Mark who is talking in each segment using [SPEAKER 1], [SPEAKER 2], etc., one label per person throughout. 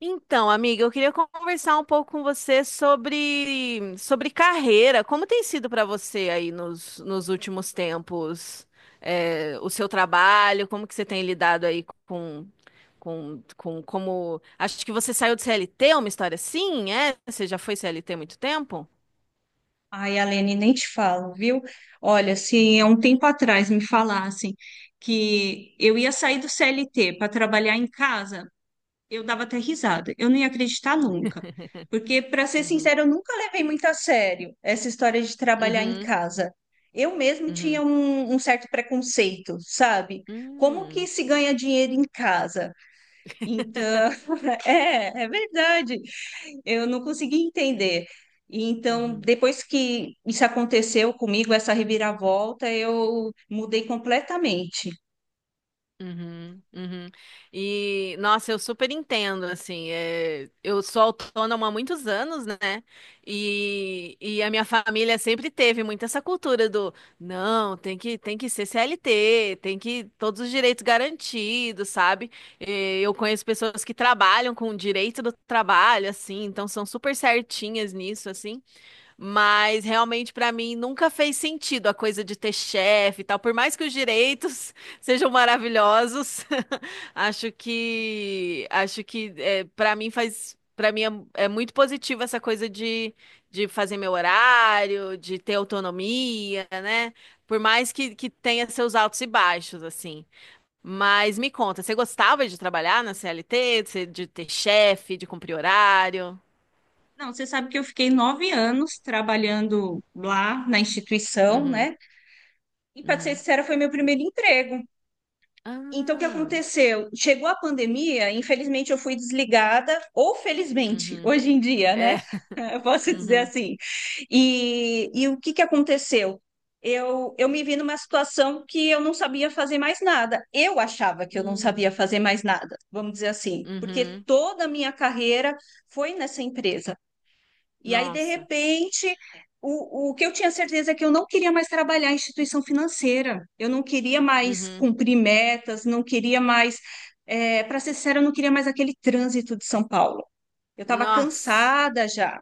[SPEAKER 1] Então, amiga, eu queria conversar um pouco com você sobre carreira. Como tem sido para você aí nos últimos tempos, o seu trabalho? Como que você tem lidado aí com Acho que você saiu de CLT, uma história assim, é? Você já foi CLT há muito tempo?
[SPEAKER 2] Ai, Alene, nem te falo, viu? Olha, se
[SPEAKER 1] Uhum.
[SPEAKER 2] há um tempo atrás me falassem que eu ia sair do CLT para trabalhar em casa, eu dava até risada. Eu não ia acreditar nunca. Porque, para ser
[SPEAKER 1] Uhum.
[SPEAKER 2] sincera, eu nunca levei muito a sério essa história de trabalhar em
[SPEAKER 1] Uhum.
[SPEAKER 2] casa. Eu mesmo tinha
[SPEAKER 1] Uhum.
[SPEAKER 2] um certo preconceito, sabe? Como que
[SPEAKER 1] Hum.
[SPEAKER 2] se ganha dinheiro em casa? Então, é verdade eu não consegui entender. E então,
[SPEAKER 1] Uhum.
[SPEAKER 2] depois que isso aconteceu comigo, essa reviravolta, eu mudei completamente.
[SPEAKER 1] Uhum, uhum. E nossa, eu super entendo, assim, eu sou autônoma há muitos anos, né? E a minha família sempre teve muito essa cultura do, não, tem que ser CLT, tem que, todos os direitos garantidos, sabe? Eu conheço pessoas que trabalham com o direito do trabalho, assim, então são super certinhas nisso, assim. Mas realmente pra mim nunca fez sentido a coisa de ter chefe e tal. Por mais que os direitos sejam maravilhosos, acho que é, para mim faz para mim é muito positivo essa coisa de fazer meu horário, de ter autonomia, né? Por mais que tenha seus altos e baixos assim. Mas me conta, você gostava de trabalhar na CLT, de ter chefe, de cumprir horário?
[SPEAKER 2] Não, você sabe que eu fiquei 9 anos trabalhando lá na instituição,
[SPEAKER 1] Uhum,
[SPEAKER 2] né? E para ser
[SPEAKER 1] uhum.
[SPEAKER 2] sincera, foi meu primeiro emprego. Então, o que
[SPEAKER 1] Ah.
[SPEAKER 2] aconteceu? Chegou a pandemia, infelizmente eu fui desligada, ou felizmente,
[SPEAKER 1] Uhum.
[SPEAKER 2] hoje em dia,
[SPEAKER 1] É.
[SPEAKER 2] né? Eu posso dizer
[SPEAKER 1] Uhum.
[SPEAKER 2] assim. E o que que aconteceu? Eu me vi numa situação que eu não sabia fazer mais nada. Eu achava que eu não
[SPEAKER 1] Hum.
[SPEAKER 2] sabia fazer mais nada, vamos dizer assim, porque
[SPEAKER 1] Uhum.
[SPEAKER 2] toda a minha carreira foi nessa empresa. E aí, de
[SPEAKER 1] Nossa.
[SPEAKER 2] repente, o que eu tinha certeza é que eu não queria mais trabalhar em instituição financeira, eu não queria mais
[SPEAKER 1] Uhum.
[SPEAKER 2] cumprir metas, não queria mais, para ser sincera, eu não queria mais aquele trânsito de São Paulo. Eu estava
[SPEAKER 1] Nossa.
[SPEAKER 2] cansada já,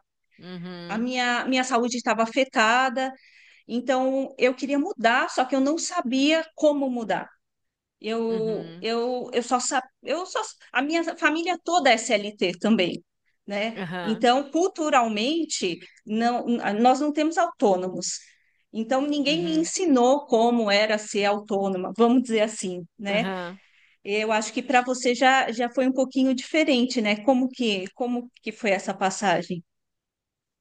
[SPEAKER 2] a
[SPEAKER 1] Uhum.
[SPEAKER 2] minha saúde estava afetada, então eu queria mudar, só que eu não sabia como mudar.
[SPEAKER 1] Uhum.
[SPEAKER 2] Eu só sa- eu só, a minha família toda é SLT também, né?
[SPEAKER 1] Aham.
[SPEAKER 2] Então, culturalmente, não, nós não temos autônomos. Então, ninguém me
[SPEAKER 1] Uhum.
[SPEAKER 2] ensinou como era ser autônoma, vamos dizer assim, né?
[SPEAKER 1] Aham.
[SPEAKER 2] Eu acho que para você já foi um pouquinho diferente, né? Como que foi essa passagem?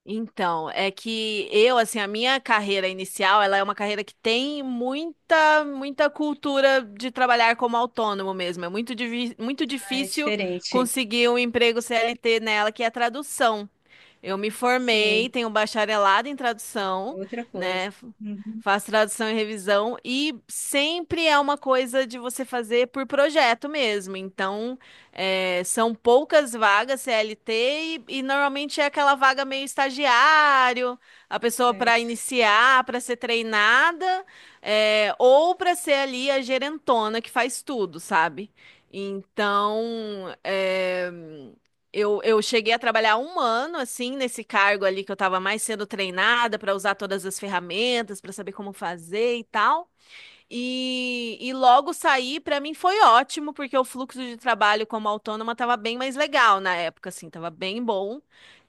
[SPEAKER 1] Então, é que eu, assim, a minha carreira inicial, ela é uma carreira que tem muita cultura de trabalhar como autônomo mesmo. É muito
[SPEAKER 2] Ah, é
[SPEAKER 1] difícil
[SPEAKER 2] diferente.
[SPEAKER 1] conseguir um emprego CLT nela, que é tradução. Eu me formei,
[SPEAKER 2] Sim,
[SPEAKER 1] tenho um bacharelado em
[SPEAKER 2] é
[SPEAKER 1] tradução,
[SPEAKER 2] outra
[SPEAKER 1] né?
[SPEAKER 2] coisa. Uhum,
[SPEAKER 1] Faço tradução e revisão e sempre é uma coisa de você fazer por projeto mesmo. Então, são poucas vagas CLT e normalmente é aquela vaga meio estagiário, a pessoa para
[SPEAKER 2] certo.
[SPEAKER 1] iniciar, para ser treinada, ou para ser ali a gerentona que faz tudo, sabe? Então, é. Eu cheguei a trabalhar um ano, assim, nesse cargo ali que eu estava mais sendo treinada para usar todas as ferramentas, para saber como fazer e tal. E logo sair, para mim foi ótimo, porque o fluxo de trabalho como autônoma estava bem mais legal na época, assim, estava bem bom.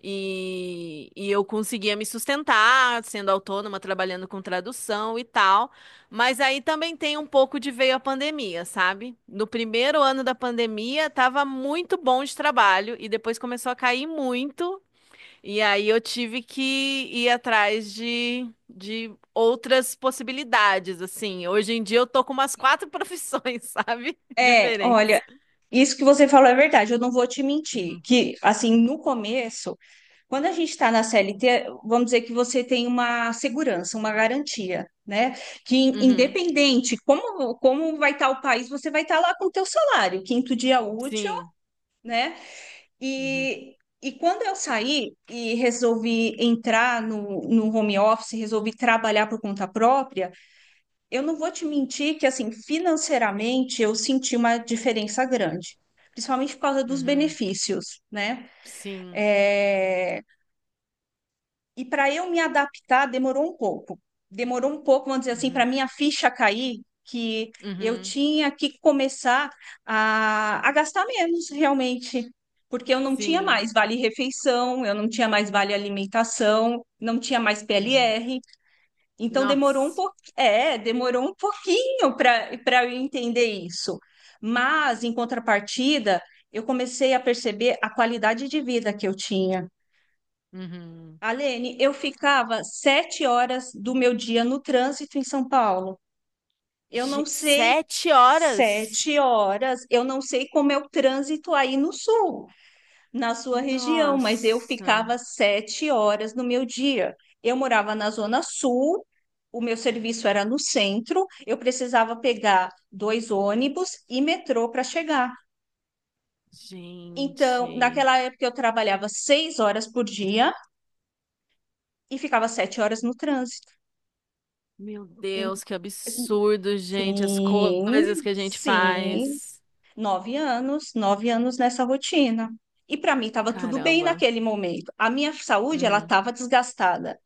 [SPEAKER 1] E eu conseguia me sustentar sendo autônoma, trabalhando com tradução e tal. Mas aí também tem um pouco de veio a pandemia, sabe? No primeiro ano da pandemia, estava muito bom de trabalho, e depois começou a cair muito. E aí eu tive que ir atrás de outras possibilidades, assim. Hoje em dia eu tô com umas quatro profissões, sabe?
[SPEAKER 2] É, olha,
[SPEAKER 1] Diferentes.
[SPEAKER 2] isso que você falou é verdade, eu não vou te mentir,
[SPEAKER 1] Uhum.
[SPEAKER 2] que assim, no começo, quando a gente está na CLT, vamos dizer que você tem uma segurança, uma garantia, né? Que
[SPEAKER 1] Uhum.
[SPEAKER 2] independente como vai estar o país, você vai estar lá com o teu salário, quinto dia útil,
[SPEAKER 1] Sim.
[SPEAKER 2] né?
[SPEAKER 1] Uhum.
[SPEAKER 2] E, e quando eu saí e resolvi entrar no home office, resolvi trabalhar por conta própria, eu não vou te mentir que, assim, financeiramente eu senti uma diferença grande, principalmente por causa dos
[SPEAKER 1] Uhum.
[SPEAKER 2] benefícios, né?
[SPEAKER 1] Sim.
[SPEAKER 2] É, e para eu me adaptar demorou um pouco. Demorou um pouco, vamos dizer assim, para
[SPEAKER 1] Uhum.
[SPEAKER 2] minha ficha cair, que eu
[SPEAKER 1] Uhum.
[SPEAKER 2] tinha que começar a gastar menos realmente, porque eu não tinha
[SPEAKER 1] Sim.
[SPEAKER 2] mais vale refeição, eu não tinha mais vale alimentação, não tinha mais
[SPEAKER 1] Uhum.
[SPEAKER 2] PLR. Então demorou um
[SPEAKER 1] Nossa.
[SPEAKER 2] pouquinho, é, demorou um pouquinho para eu entender isso. Mas em contrapartida, eu comecei a perceber a qualidade de vida que eu tinha.
[SPEAKER 1] Uhum.
[SPEAKER 2] Alene, eu ficava 7 horas do meu dia no trânsito em São Paulo. Eu não sei
[SPEAKER 1] Sete horas?
[SPEAKER 2] 7 horas, eu não sei como é o trânsito aí no sul na sua região, mas eu
[SPEAKER 1] Nossa,
[SPEAKER 2] ficava 7 horas no meu dia. Eu morava na Zona Sul, o meu serviço era no centro, eu precisava pegar dois ônibus e metrô para chegar. Então,
[SPEAKER 1] gente.
[SPEAKER 2] naquela época, eu trabalhava 6 horas por dia e ficava 7 horas no trânsito.
[SPEAKER 1] Meu
[SPEAKER 2] Em-
[SPEAKER 1] Deus, que absurdo, gente. As
[SPEAKER 2] Sim,
[SPEAKER 1] coisas que a gente
[SPEAKER 2] sim,
[SPEAKER 1] faz.
[SPEAKER 2] 9 anos, 9 anos nessa rotina. E para mim estava tudo bem
[SPEAKER 1] Caramba.
[SPEAKER 2] naquele momento. A minha saúde, ela
[SPEAKER 1] Uhum.
[SPEAKER 2] estava desgastada.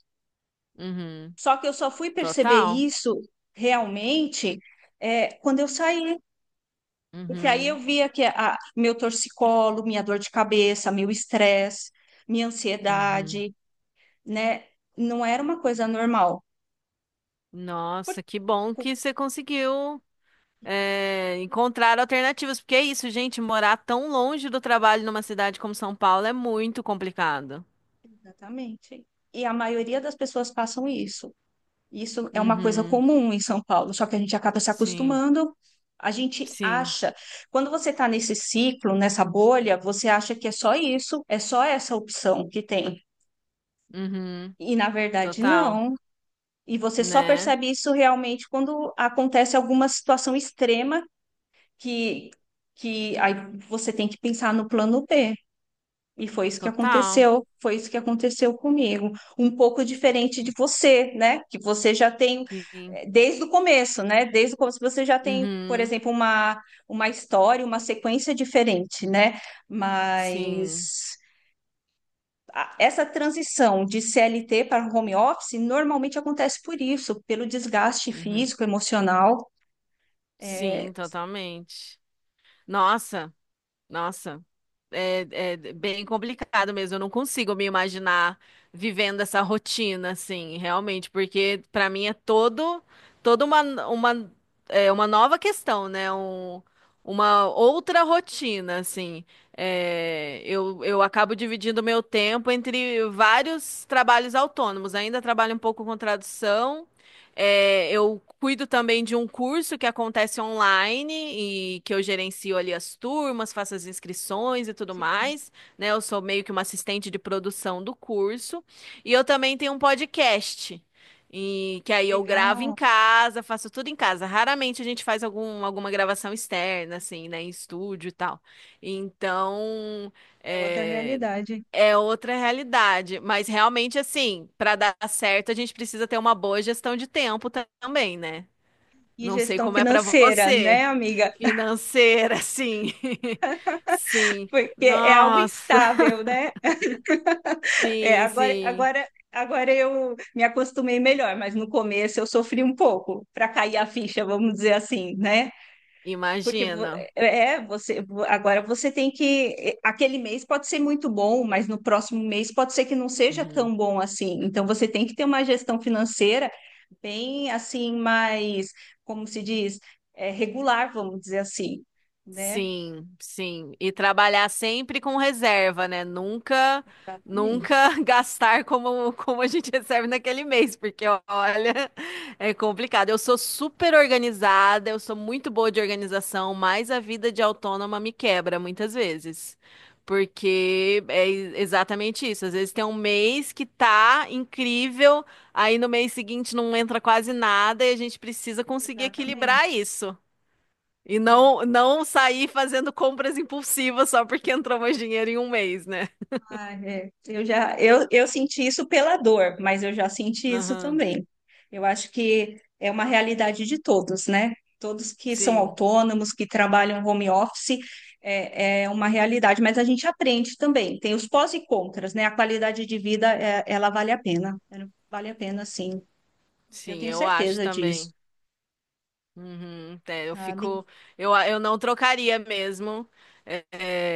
[SPEAKER 1] Uhum.
[SPEAKER 2] Só que eu só fui perceber
[SPEAKER 1] Total.
[SPEAKER 2] isso realmente quando eu saí. Porque aí eu
[SPEAKER 1] Uhum.
[SPEAKER 2] via que a, meu torcicolo, minha dor de cabeça, meu estresse, minha
[SPEAKER 1] Uhum.
[SPEAKER 2] ansiedade, né? Não era uma coisa normal. Por-
[SPEAKER 1] Nossa, que bom que você conseguiu encontrar alternativas, porque é isso, gente, morar tão longe do trabalho numa cidade como São Paulo é muito complicado.
[SPEAKER 2] Exatamente. E a maioria das pessoas passam isso. Isso é uma coisa
[SPEAKER 1] Uhum.
[SPEAKER 2] comum em São Paulo, só que a gente acaba se
[SPEAKER 1] Sim,
[SPEAKER 2] acostumando. A gente
[SPEAKER 1] sim.
[SPEAKER 2] acha, quando você está nesse ciclo, nessa bolha, você acha que é só isso, é só essa opção que tem.
[SPEAKER 1] Uhum.
[SPEAKER 2] E na verdade,
[SPEAKER 1] Total,
[SPEAKER 2] não. E você só
[SPEAKER 1] né?
[SPEAKER 2] percebe isso realmente quando acontece alguma situação extrema que, que aí você tem que pensar no plano B. E foi isso que
[SPEAKER 1] Total.
[SPEAKER 2] aconteceu, foi isso que aconteceu comigo. Um pouco diferente de você, né? Que você já tem
[SPEAKER 1] Sim.
[SPEAKER 2] desde o começo, né? Desde o começo você já tem, por
[SPEAKER 1] Uhum.
[SPEAKER 2] exemplo, uma história, uma sequência diferente, né?
[SPEAKER 1] Sim.
[SPEAKER 2] Mas essa transição de CLT para home office normalmente acontece por isso, pelo desgaste
[SPEAKER 1] Uhum.
[SPEAKER 2] físico, emocional.
[SPEAKER 1] Sim,
[SPEAKER 2] É,
[SPEAKER 1] totalmente. Nossa, nossa. É, é bem complicado mesmo. Eu não consigo me imaginar vivendo essa rotina, assim, realmente, porque para mim é toda uma, uma nova questão, né? Uma outra rotina, assim. Eu acabo dividindo meu tempo entre vários trabalhos autônomos. Ainda trabalho um pouco com tradução. Eu cuido também de um curso que acontece online e que eu gerencio ali as turmas, faço as inscrições e tudo
[SPEAKER 2] sim,
[SPEAKER 1] mais, né? Eu sou meio que uma assistente de produção do curso. E eu também tenho um podcast, e que aí eu gravo em
[SPEAKER 2] legal,
[SPEAKER 1] casa, faço tudo em casa. Raramente a gente faz alguma gravação externa, assim, né? Em estúdio e tal. Então,
[SPEAKER 2] é outra
[SPEAKER 1] é,
[SPEAKER 2] realidade.
[SPEAKER 1] é outra realidade, mas realmente assim, para dar certo, a gente precisa ter uma boa gestão de tempo também, né?
[SPEAKER 2] E
[SPEAKER 1] Não sei
[SPEAKER 2] gestão
[SPEAKER 1] como é para
[SPEAKER 2] financeira,
[SPEAKER 1] você,
[SPEAKER 2] né, amiga?
[SPEAKER 1] financeira, sim. Sim.
[SPEAKER 2] Porque é algo
[SPEAKER 1] Nossa,
[SPEAKER 2] instável, né? É,
[SPEAKER 1] sim,
[SPEAKER 2] agora,
[SPEAKER 1] sim.
[SPEAKER 2] agora, agora eu me acostumei melhor, mas no começo eu sofri um pouco para cair a ficha, vamos dizer assim, né? Porque vo-
[SPEAKER 1] Imagino.
[SPEAKER 2] é, é, você agora você tem que aquele mês pode ser muito bom, mas no próximo mês pode ser que não seja tão bom assim. Então você tem que ter uma gestão financeira bem assim, mais, como se diz, é, regular, vamos dizer assim, né?
[SPEAKER 1] Sim, sim. E trabalhar sempre com reserva, né? Nunca,
[SPEAKER 2] Exatamente.
[SPEAKER 1] nunca gastar como a gente recebe naquele mês, porque olha, é complicado. Eu sou super organizada, eu sou muito boa de organização, mas a vida de autônoma me quebra muitas vezes. Porque é exatamente isso. Às vezes tem um mês que tá incrível, aí no mês seguinte não entra quase nada e a gente precisa conseguir equilibrar
[SPEAKER 2] Exatamente.
[SPEAKER 1] isso. E não, não sair fazendo compras impulsivas só porque entrou mais dinheiro em um mês, né?
[SPEAKER 2] Ah, é. Eu já eu senti isso pela dor, mas eu já senti isso
[SPEAKER 1] Aham.
[SPEAKER 2] também. Eu acho que é uma realidade de todos, né? Todos que são
[SPEAKER 1] Sim,
[SPEAKER 2] autônomos, que trabalham home office, é uma realidade, mas a gente aprende também. Tem os pós e contras, né? A qualidade de vida, ela vale a pena. Ela vale a pena, sim. Eu
[SPEAKER 1] sim,
[SPEAKER 2] tenho
[SPEAKER 1] eu acho
[SPEAKER 2] certeza disso,
[SPEAKER 1] também. Uhum, é, eu
[SPEAKER 2] sabe?
[SPEAKER 1] fico. Eu não trocaria mesmo é,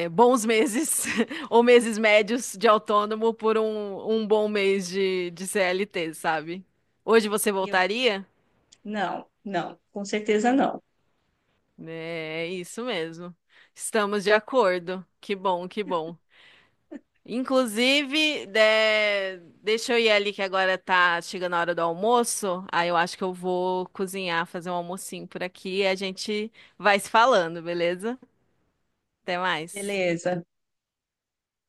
[SPEAKER 1] bons meses ou meses médios de autônomo por um bom mês de CLT, sabe? Hoje você
[SPEAKER 2] Eu,
[SPEAKER 1] voltaria?
[SPEAKER 2] não, com certeza não.
[SPEAKER 1] É, é isso mesmo. Estamos de acordo. Que bom, que bom. Inclusive, deixa eu ir ali que agora tá chegando a hora do almoço. Aí eu acho que eu vou cozinhar, fazer um almocinho por aqui e a gente vai se falando, beleza? Até mais.
[SPEAKER 2] Beleza.